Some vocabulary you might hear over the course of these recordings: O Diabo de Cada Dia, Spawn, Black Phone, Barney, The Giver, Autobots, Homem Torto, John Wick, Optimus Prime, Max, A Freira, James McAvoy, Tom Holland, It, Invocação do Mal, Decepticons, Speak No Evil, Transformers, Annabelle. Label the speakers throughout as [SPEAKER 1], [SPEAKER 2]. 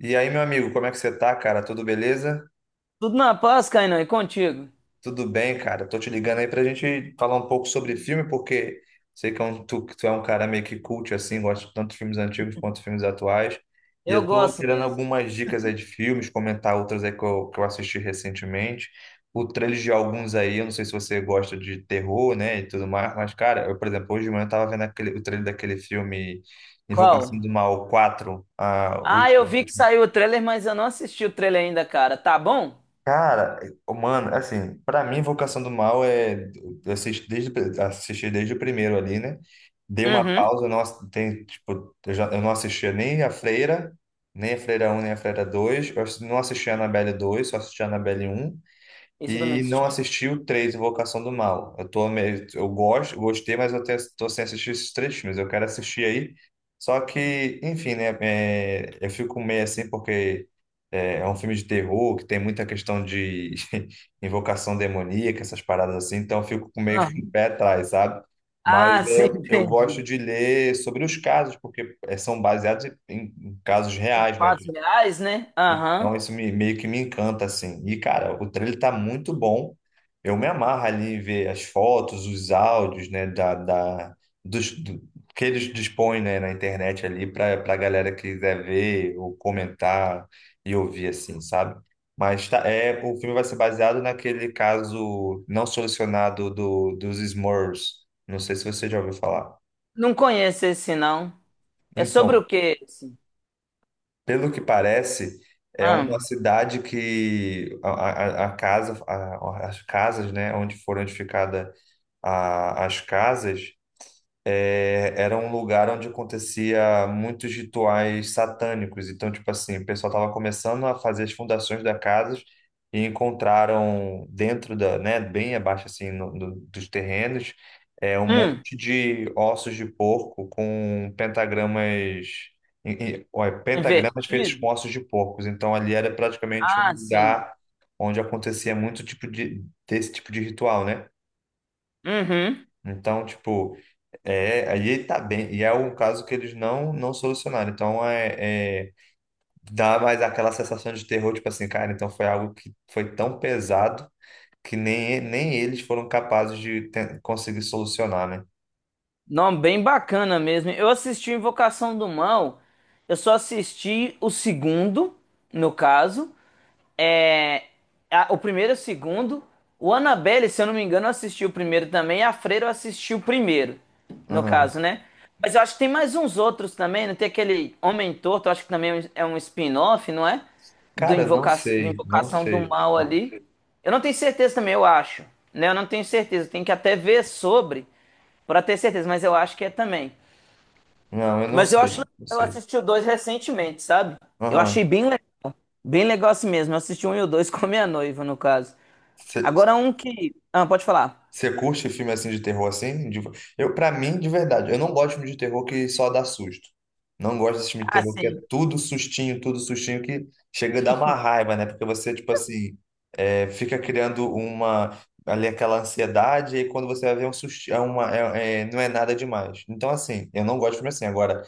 [SPEAKER 1] E aí, meu amigo, como é que você tá, cara? Tudo beleza?
[SPEAKER 2] Tudo na paz, Kainan, e contigo?
[SPEAKER 1] Tudo bem, cara? Tô te ligando aí pra gente falar um pouco sobre filme, porque sei que tu, é um cara meio que cult, assim, gosta tanto de filmes antigos quanto de filmes atuais. E
[SPEAKER 2] Eu
[SPEAKER 1] eu tô
[SPEAKER 2] gosto
[SPEAKER 1] querendo
[SPEAKER 2] mesmo.
[SPEAKER 1] algumas dicas aí de filmes, comentar outras aí que eu assisti recentemente. O trailer de alguns aí, eu não sei se você gosta de terror, né, e tudo mais, mas, cara, eu, por exemplo, hoje de manhã eu tava vendo o trailer daquele filme Invocação do
[SPEAKER 2] Qual?
[SPEAKER 1] Mal quatro.
[SPEAKER 2] Ah, eu vi que saiu o trailer, mas eu não assisti o trailer ainda, cara. Tá bom?
[SPEAKER 1] Cara, mano, assim, pra mim, Invocação do Mal é. Eu assisti desde, Assisti desde o primeiro ali, né? Dei uma
[SPEAKER 2] Uhum.
[SPEAKER 1] pausa, eu não, ass- tem, tipo, eu, já, eu não assistia nem a Freira, nem a Freira um nem a Freira dois. Não assistia a Annabelle dois, só assistia a Annabelle um,
[SPEAKER 2] Isso eu também
[SPEAKER 1] e não
[SPEAKER 2] assisti.
[SPEAKER 1] assisti o 3 Invocação do Mal. Eu tô meio, eu gosto, gostei, mas tô sem assistir esses três filmes. Eu quero assistir aí. Só que, enfim, né? Eu fico meio assim porque é um filme de terror que tem muita questão de invocação demoníaca, essas paradas assim. Então eu fico com meio com o
[SPEAKER 2] Aham.
[SPEAKER 1] pé atrás, sabe? Mas
[SPEAKER 2] Ah,
[SPEAKER 1] é,
[SPEAKER 2] sim,
[SPEAKER 1] eu gosto
[SPEAKER 2] entendi.
[SPEAKER 1] de ler sobre os casos, porque é, são baseados em, em casos
[SPEAKER 2] Em
[SPEAKER 1] reais, né?
[SPEAKER 2] fatos reais, né?
[SPEAKER 1] Então,
[SPEAKER 2] Aham.
[SPEAKER 1] isso me, meio que me encanta, assim. E, cara, o trailer tá muito bom. Eu me amarro ali em ver as fotos, os áudios, né, dos, do- que eles dispõem, né, na internet ali para a galera que quiser ver ou comentar e ouvir, assim, sabe? Mas tá, é, o filme vai ser baseado naquele caso não solucionado dos Smurfs. Não sei se você já ouviu falar.
[SPEAKER 2] Não conheço esse, não. É sobre
[SPEAKER 1] Então,
[SPEAKER 2] o quê esse?
[SPEAKER 1] pelo que parece, é uma
[SPEAKER 2] Hum.
[SPEAKER 1] cidade que a casa, as casas, né, onde foram edificadas as casas, é, era um lugar onde acontecia muitos rituais satânicos. Então, tipo assim, o pessoal estava começando a fazer as fundações da casa e encontraram dentro da, né, bem abaixo assim dos terrenos, é, um
[SPEAKER 2] Hum.
[SPEAKER 1] monte de ossos de porco com pentagramas, olha, pentagramas feitos
[SPEAKER 2] Invertido?
[SPEAKER 1] com ossos de porcos. Então, ali era praticamente um
[SPEAKER 2] Ah, sim.
[SPEAKER 1] lugar onde acontecia muito tipo de desse tipo de ritual, né?
[SPEAKER 2] Uhum.
[SPEAKER 1] Então, tipo, é, aí tá bem. E é um caso que eles não solucionaram. Então, é, dá mais aquela sensação de terror, tipo assim, cara, então foi algo que foi tão pesado que nem, nem eles foram capazes de conseguir solucionar, né?
[SPEAKER 2] Não, bem bacana mesmo. Eu assisti Invocação do Mal. Eu só assisti o segundo, no caso. É, o primeiro e o segundo. O Annabelle, se eu não me engano, assistiu o primeiro também. A Freira assistiu o primeiro, no
[SPEAKER 1] Aham.
[SPEAKER 2] caso, né? Mas eu acho que tem mais uns outros também. Não tem aquele Homem Torto, eu acho que também é um spin-off, não é?
[SPEAKER 1] Cara, não
[SPEAKER 2] Do
[SPEAKER 1] sei, não
[SPEAKER 2] Invocação do
[SPEAKER 1] sei.
[SPEAKER 2] Mal ali. Eu não tenho certeza também, eu acho. Né? Eu não tenho certeza. Eu tenho que até ver sobre para ter certeza, mas eu acho que é também.
[SPEAKER 1] Não, eu não
[SPEAKER 2] Mas eu acho
[SPEAKER 1] sei,
[SPEAKER 2] legal,
[SPEAKER 1] não
[SPEAKER 2] eu
[SPEAKER 1] sei.
[SPEAKER 2] assisti o dois recentemente, sabe? Eu achei
[SPEAKER 1] Aham.
[SPEAKER 2] bem legal. Bem legal assim mesmo. Eu assisti um e o dois com a minha noiva, no caso. Agora um que. Ah, pode falar.
[SPEAKER 1] Você curte filme assim de terror assim? De- eu, para mim, de verdade, eu não gosto de filme de terror que só dá susto. Não gosto desse filme de
[SPEAKER 2] Ah,
[SPEAKER 1] terror que é
[SPEAKER 2] sim.
[SPEAKER 1] tudo sustinho que chega a dar uma raiva, né? Porque você, tipo assim, é, fica criando uma ali aquela ansiedade e quando você vai ver é um susto, é, não é nada demais. Então, assim, eu não gosto de filme assim. Agora,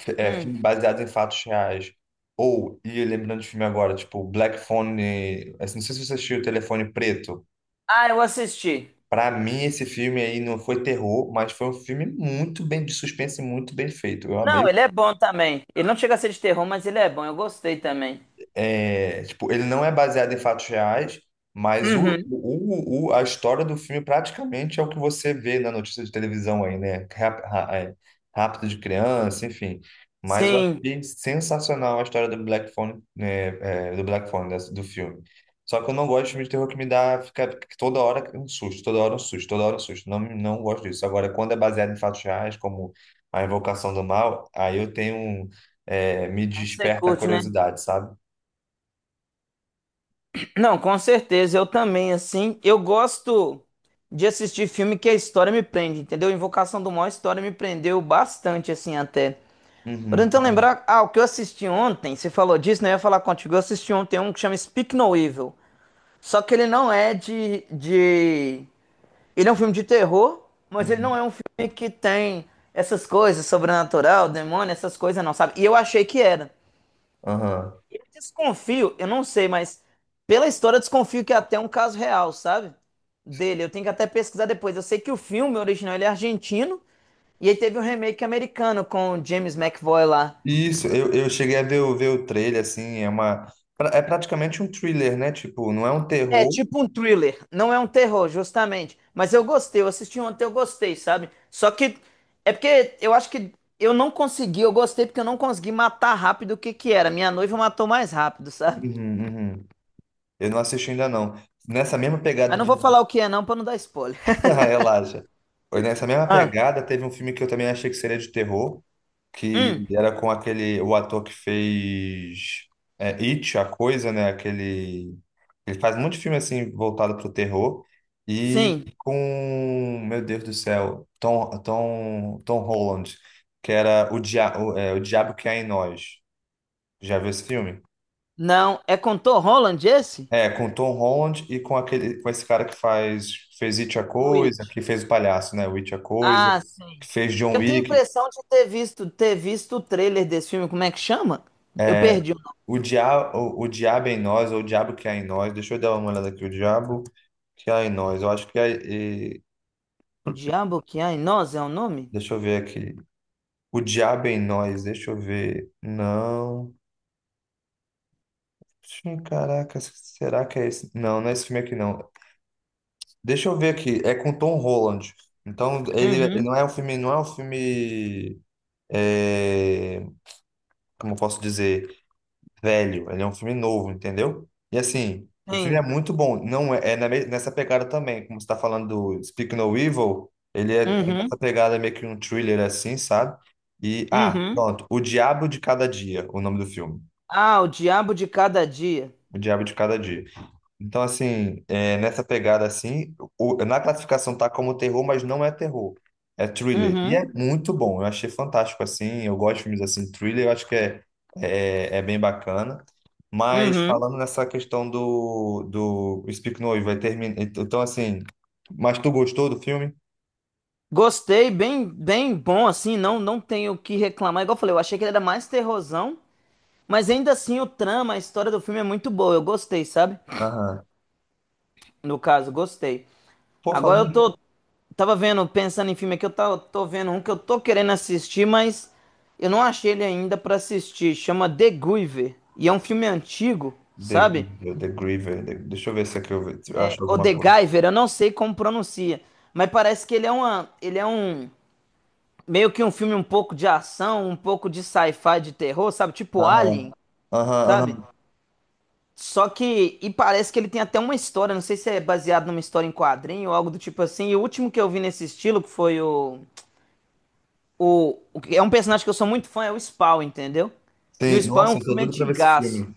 [SPEAKER 2] Hum.
[SPEAKER 1] filme baseado em fatos reais. Ou, e lembrando de filme agora, tipo, Black Phone, assim, não sei se você assistiu o Telefone Preto.
[SPEAKER 2] Ah, eu assisti.
[SPEAKER 1] Pra mim, esse filme aí não foi terror, mas foi um filme muito bem de suspense, e muito bem feito. Eu
[SPEAKER 2] Não,
[SPEAKER 1] amei.
[SPEAKER 2] ele é bom também. Ele não chega a ser de terror, mas ele é bom. Eu gostei também.
[SPEAKER 1] Tipo, ele não é baseado em fatos reais, mas
[SPEAKER 2] Uhum.
[SPEAKER 1] a história do filme praticamente é o que você vê na notícia de televisão aí, né? Rápido de criança, enfim. Mas eu
[SPEAKER 2] Sim.
[SPEAKER 1] achei sensacional a história do Black Phone, né, é, do Black Phone, do filme. Só que eu não gosto de filme de terror que me dá, fica que toda hora um susto, toda hora um susto, toda hora um susto. Não, não gosto disso. Agora, quando é baseado em fatos reais, como A Invocação do Mal, aí eu tenho, me
[SPEAKER 2] Aí você
[SPEAKER 1] desperta a
[SPEAKER 2] curte, né?
[SPEAKER 1] curiosidade, sabe?
[SPEAKER 2] Não, com certeza. Eu também, assim. Eu gosto de assistir filme que a história me prende, entendeu? Invocação do Mal, a história me prendeu bastante, assim, até.
[SPEAKER 1] Uhum,
[SPEAKER 2] Tô tentando
[SPEAKER 1] uhum,
[SPEAKER 2] lembrar. Ah, o que eu assisti ontem, você falou disso, né? Eu ia falar contigo. Eu assisti ontem um que chama Speak No Evil. Só que ele não é de, de. Ele é um filme de terror, mas ele não
[SPEAKER 1] uhum.
[SPEAKER 2] é um filme que tem essas coisas, sobrenatural, demônio, essas coisas, não, sabe? E eu achei que era.
[SPEAKER 1] Aham.
[SPEAKER 2] Eu desconfio, eu não sei, mas pela história eu desconfio que é até um caso real, sabe? Dele. Eu tenho que até pesquisar depois. Eu sei que o filme original ele é argentino, e aí teve um remake americano com o James McAvoy lá.
[SPEAKER 1] Isso, eu cheguei a ver, ver o trailer, assim, é uma... pra- é praticamente um thriller, né? Tipo, não é um
[SPEAKER 2] É
[SPEAKER 1] terror.
[SPEAKER 2] tipo um thriller, não é um terror, justamente. Mas eu gostei, eu assisti ontem, eu gostei, sabe? Só que é porque eu acho que eu não consegui, eu gostei porque eu não consegui matar rápido o que que era. Minha noiva matou mais rápido, sabe?
[SPEAKER 1] Uhum, uhum. Eu não assisti ainda, não. Nessa mesma
[SPEAKER 2] Mas
[SPEAKER 1] pegada
[SPEAKER 2] não vou
[SPEAKER 1] de...
[SPEAKER 2] falar o que é não pra não dar spoiler.
[SPEAKER 1] Ah, relaxa. Nessa mesma
[SPEAKER 2] Ah,
[SPEAKER 1] pegada, teve um filme que eu também achei que seria de terror, que
[SPEAKER 2] hum,
[SPEAKER 1] era com aquele, o ator que fez It, a Coisa, né? Aquele, ele faz muito filme assim voltado para o terror e
[SPEAKER 2] sim.
[SPEAKER 1] com, meu Deus do céu, Tom Holland, que era o Diabo que Há em Nós. Já viu esse filme?
[SPEAKER 2] Não, é com Tom Holland esse?
[SPEAKER 1] É, com Tom Holland e com aquele, com esse cara que faz, fez It a
[SPEAKER 2] O
[SPEAKER 1] Coisa,
[SPEAKER 2] It.
[SPEAKER 1] que fez o palhaço, né? O It a Coisa,
[SPEAKER 2] Ah,
[SPEAKER 1] que
[SPEAKER 2] sim.
[SPEAKER 1] fez John
[SPEAKER 2] Eu tenho a
[SPEAKER 1] Wick.
[SPEAKER 2] impressão de ter visto o trailer desse filme, como é que chama? Eu
[SPEAKER 1] É,
[SPEAKER 2] perdi o nome.
[SPEAKER 1] o Diabo é em Nós, ou o Diabo que Há em Nós. Deixa eu dar uma olhada aqui. O Diabo que Há em Nós. Eu acho que é.
[SPEAKER 2] O Diabo que há em nós é o nome?
[SPEAKER 1] Deixa eu ver aqui. O Diabo é em Nós. Deixa eu ver. Não. Sim, caraca, será que é esse? Não, não é esse filme aqui, não. Deixa eu ver aqui. É com Tom Holland. Então, ele não
[SPEAKER 2] Uhum.
[SPEAKER 1] é um filme, não é um filme. É, como eu posso dizer? Velho, ele é um filme novo, entendeu? E assim, o filme
[SPEAKER 2] Sim.
[SPEAKER 1] é muito bom, não é, é nessa pegada também, como você tá falando do Speak No Evil, ele é nessa
[SPEAKER 2] Uhum,
[SPEAKER 1] pegada, é meio que um thriller assim, sabe? E, ah,
[SPEAKER 2] uhum.
[SPEAKER 1] pronto, O Diabo de Cada Dia, o nome do filme.
[SPEAKER 2] Ah, o Diabo de Cada Dia.
[SPEAKER 1] O Diabo de Cada Dia. Então, assim, é, nessa pegada, assim, na classificação tá como terror, mas não é terror. É thriller. E é
[SPEAKER 2] Uhum,
[SPEAKER 1] muito bom. Eu achei fantástico, assim. Eu gosto de filmes, assim, thriller. Eu acho que é bem bacana. Mas
[SPEAKER 2] uhum.
[SPEAKER 1] falando nessa questão do Speak Noise, vai terminar... Então, assim... Mas tu gostou do filme?
[SPEAKER 2] Gostei, bem, bem bom assim, não tenho o que reclamar. Igual eu falei, eu achei que ele era mais terrorzão, mas ainda assim o trama, a história do filme é muito boa. Eu gostei, sabe?
[SPEAKER 1] Aham.
[SPEAKER 2] No caso, gostei.
[SPEAKER 1] Pô, falando
[SPEAKER 2] Agora eu
[SPEAKER 1] em
[SPEAKER 2] tô Tava vendo, pensando em filme aqui, tô vendo um que eu tô querendo assistir, mas eu não achei ele ainda pra assistir. Chama The Griever e é um filme antigo,
[SPEAKER 1] The,
[SPEAKER 2] sabe?
[SPEAKER 1] The Griever, The- deixa eu ver se aqui eu se eu acho
[SPEAKER 2] O
[SPEAKER 1] alguma
[SPEAKER 2] The
[SPEAKER 1] coisa.
[SPEAKER 2] Giver, eu não sei como pronuncia, mas parece que ele é um meio que um filme um pouco de ação, um pouco de sci-fi, de terror, sabe? Tipo Alien,
[SPEAKER 1] Aham, aham,
[SPEAKER 2] sabe?
[SPEAKER 1] aham.
[SPEAKER 2] Só que e Parece que ele tem até uma história, não sei se é baseado numa história em quadrinho ou algo do tipo assim. E o último que eu vi nesse estilo que foi o que é um personagem que eu sou muito fã, é o Spawn, entendeu? E
[SPEAKER 1] Sim,
[SPEAKER 2] o Spawn é
[SPEAKER 1] nossa,
[SPEAKER 2] um
[SPEAKER 1] eu tô
[SPEAKER 2] filme
[SPEAKER 1] doido pra ver esse
[SPEAKER 2] antigaço.
[SPEAKER 1] filme.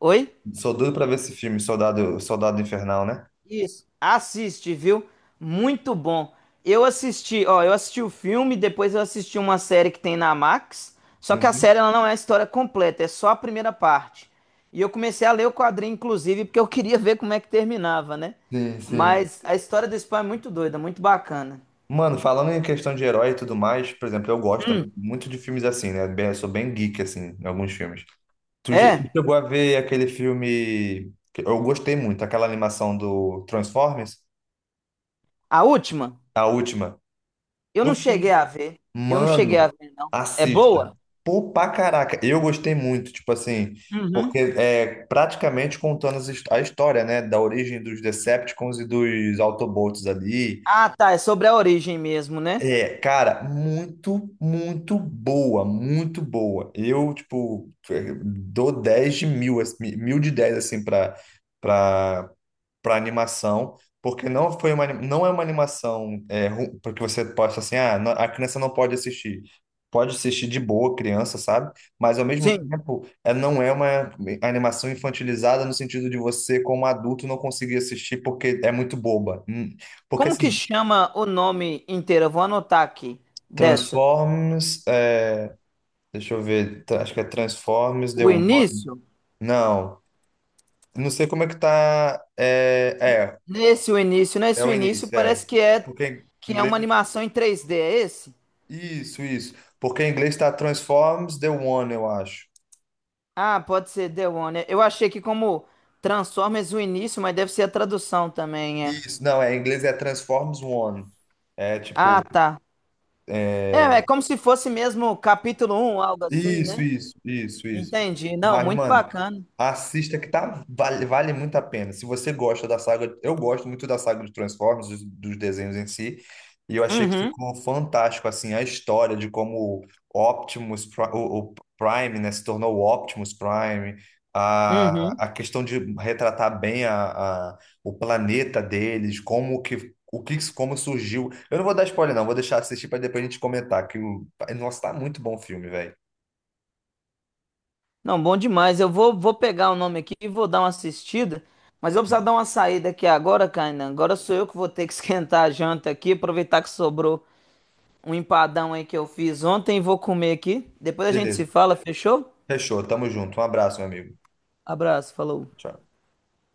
[SPEAKER 2] Oi?
[SPEAKER 1] Sou doido pra ver esse filme, Soldado Infernal, né?
[SPEAKER 2] Isso, assiste, viu? Muito bom. Eu assisti, ó, eu assisti o filme, depois eu assisti uma série que tem na Max, só que a
[SPEAKER 1] Uhum.
[SPEAKER 2] série ela não é a história completa, é só a primeira parte. E eu comecei a ler o quadrinho, inclusive, porque eu queria ver como é que terminava, né?
[SPEAKER 1] Sim, sim.
[SPEAKER 2] Mas a história do Spawn é muito doida, muito bacana.
[SPEAKER 1] Mano, falando em questão de herói e tudo mais, por exemplo, eu gosto
[SPEAKER 2] Hum,
[SPEAKER 1] também muito de filmes assim, né? Bem- eu sou bem geek, assim, em alguns filmes. Tu, já- tu
[SPEAKER 2] É,
[SPEAKER 1] chegou a ver aquele filme que eu gostei muito, aquela animação do Transformers,
[SPEAKER 2] a última,
[SPEAKER 1] a última.
[SPEAKER 2] eu não cheguei a ver. Eu não cheguei a
[SPEAKER 1] Mano,
[SPEAKER 2] ver, não. É
[SPEAKER 1] assista.
[SPEAKER 2] boa?
[SPEAKER 1] Pô, pra caraca, eu gostei muito, tipo assim, porque
[SPEAKER 2] Uhum.
[SPEAKER 1] é praticamente contando a história, né, da origem dos Decepticons e dos Autobots ali.
[SPEAKER 2] Ah, tá, é sobre a origem mesmo, né?
[SPEAKER 1] É, cara, muito, muito boa, muito boa. Eu, tipo, é, dou 10 de mil, assim, mil de 10 assim, pra, pra para animação, porque não foi uma, não é uma animação é, ru- porque você possa assim, ah, a criança não pode assistir. Pode assistir de boa, criança, sabe? Mas ao mesmo
[SPEAKER 2] Sim.
[SPEAKER 1] tempo, é, não é uma animação infantilizada no sentido de você, como adulto, não conseguir assistir porque é muito boba. Porque
[SPEAKER 2] Como que
[SPEAKER 1] assim,
[SPEAKER 2] chama o nome inteiro? Eu vou anotar aqui dessa.
[SPEAKER 1] Transformers, é, deixa eu ver, tra- acho que é Transformers,
[SPEAKER 2] O
[SPEAKER 1] deu um nome.
[SPEAKER 2] início?
[SPEAKER 1] Não, não sei como é que tá. É, é, é
[SPEAKER 2] Nesse o
[SPEAKER 1] o
[SPEAKER 2] início
[SPEAKER 1] início,
[SPEAKER 2] parece
[SPEAKER 1] é.
[SPEAKER 2] que
[SPEAKER 1] Porque em
[SPEAKER 2] é
[SPEAKER 1] inglês
[SPEAKER 2] uma animação em 3D, é esse?
[SPEAKER 1] Isso, isso. Porque em inglês está Transforms the One, eu acho.
[SPEAKER 2] Ah, pode ser The One. Eu achei que como Transformers o início, mas deve ser a tradução também, é.
[SPEAKER 1] Isso, não, é, em inglês é Transforms One. É
[SPEAKER 2] Ah,
[SPEAKER 1] tipo
[SPEAKER 2] tá. É, é como se fosse mesmo capítulo um, algo assim,
[SPEAKER 1] Isso,
[SPEAKER 2] né?
[SPEAKER 1] isso.
[SPEAKER 2] Entendi. Não,
[SPEAKER 1] Mas,
[SPEAKER 2] muito
[SPEAKER 1] mano,
[SPEAKER 2] bacana.
[SPEAKER 1] assista que tá, vale muito a pena. Se você gosta da saga, eu gosto muito da saga de Transformers, dos desenhos em si, e eu achei que
[SPEAKER 2] Uhum,
[SPEAKER 1] ficou fantástico, assim, a história de como o Prime, né, se tornou o Optimus Prime,
[SPEAKER 2] uhum.
[SPEAKER 1] a questão de retratar bem a- o planeta deles, como que. O que, como surgiu. Eu não vou dar spoiler, não. Vou deixar assistir para depois a gente comentar. Que o... Nossa, tá muito bom o filme, velho.
[SPEAKER 2] Não, bom demais. Eu vou, vou pegar o nome aqui e vou dar uma assistida. Mas eu vou precisar dar uma saída aqui agora, Kainan. Agora sou eu que vou ter que esquentar a janta aqui. Aproveitar que sobrou um empadão aí que eu fiz ontem. Vou comer aqui. Depois a gente se
[SPEAKER 1] Beleza.
[SPEAKER 2] fala, fechou?
[SPEAKER 1] Fechou. Tamo junto. Um abraço, meu amigo.
[SPEAKER 2] Abraço, falou.
[SPEAKER 1] Tchau.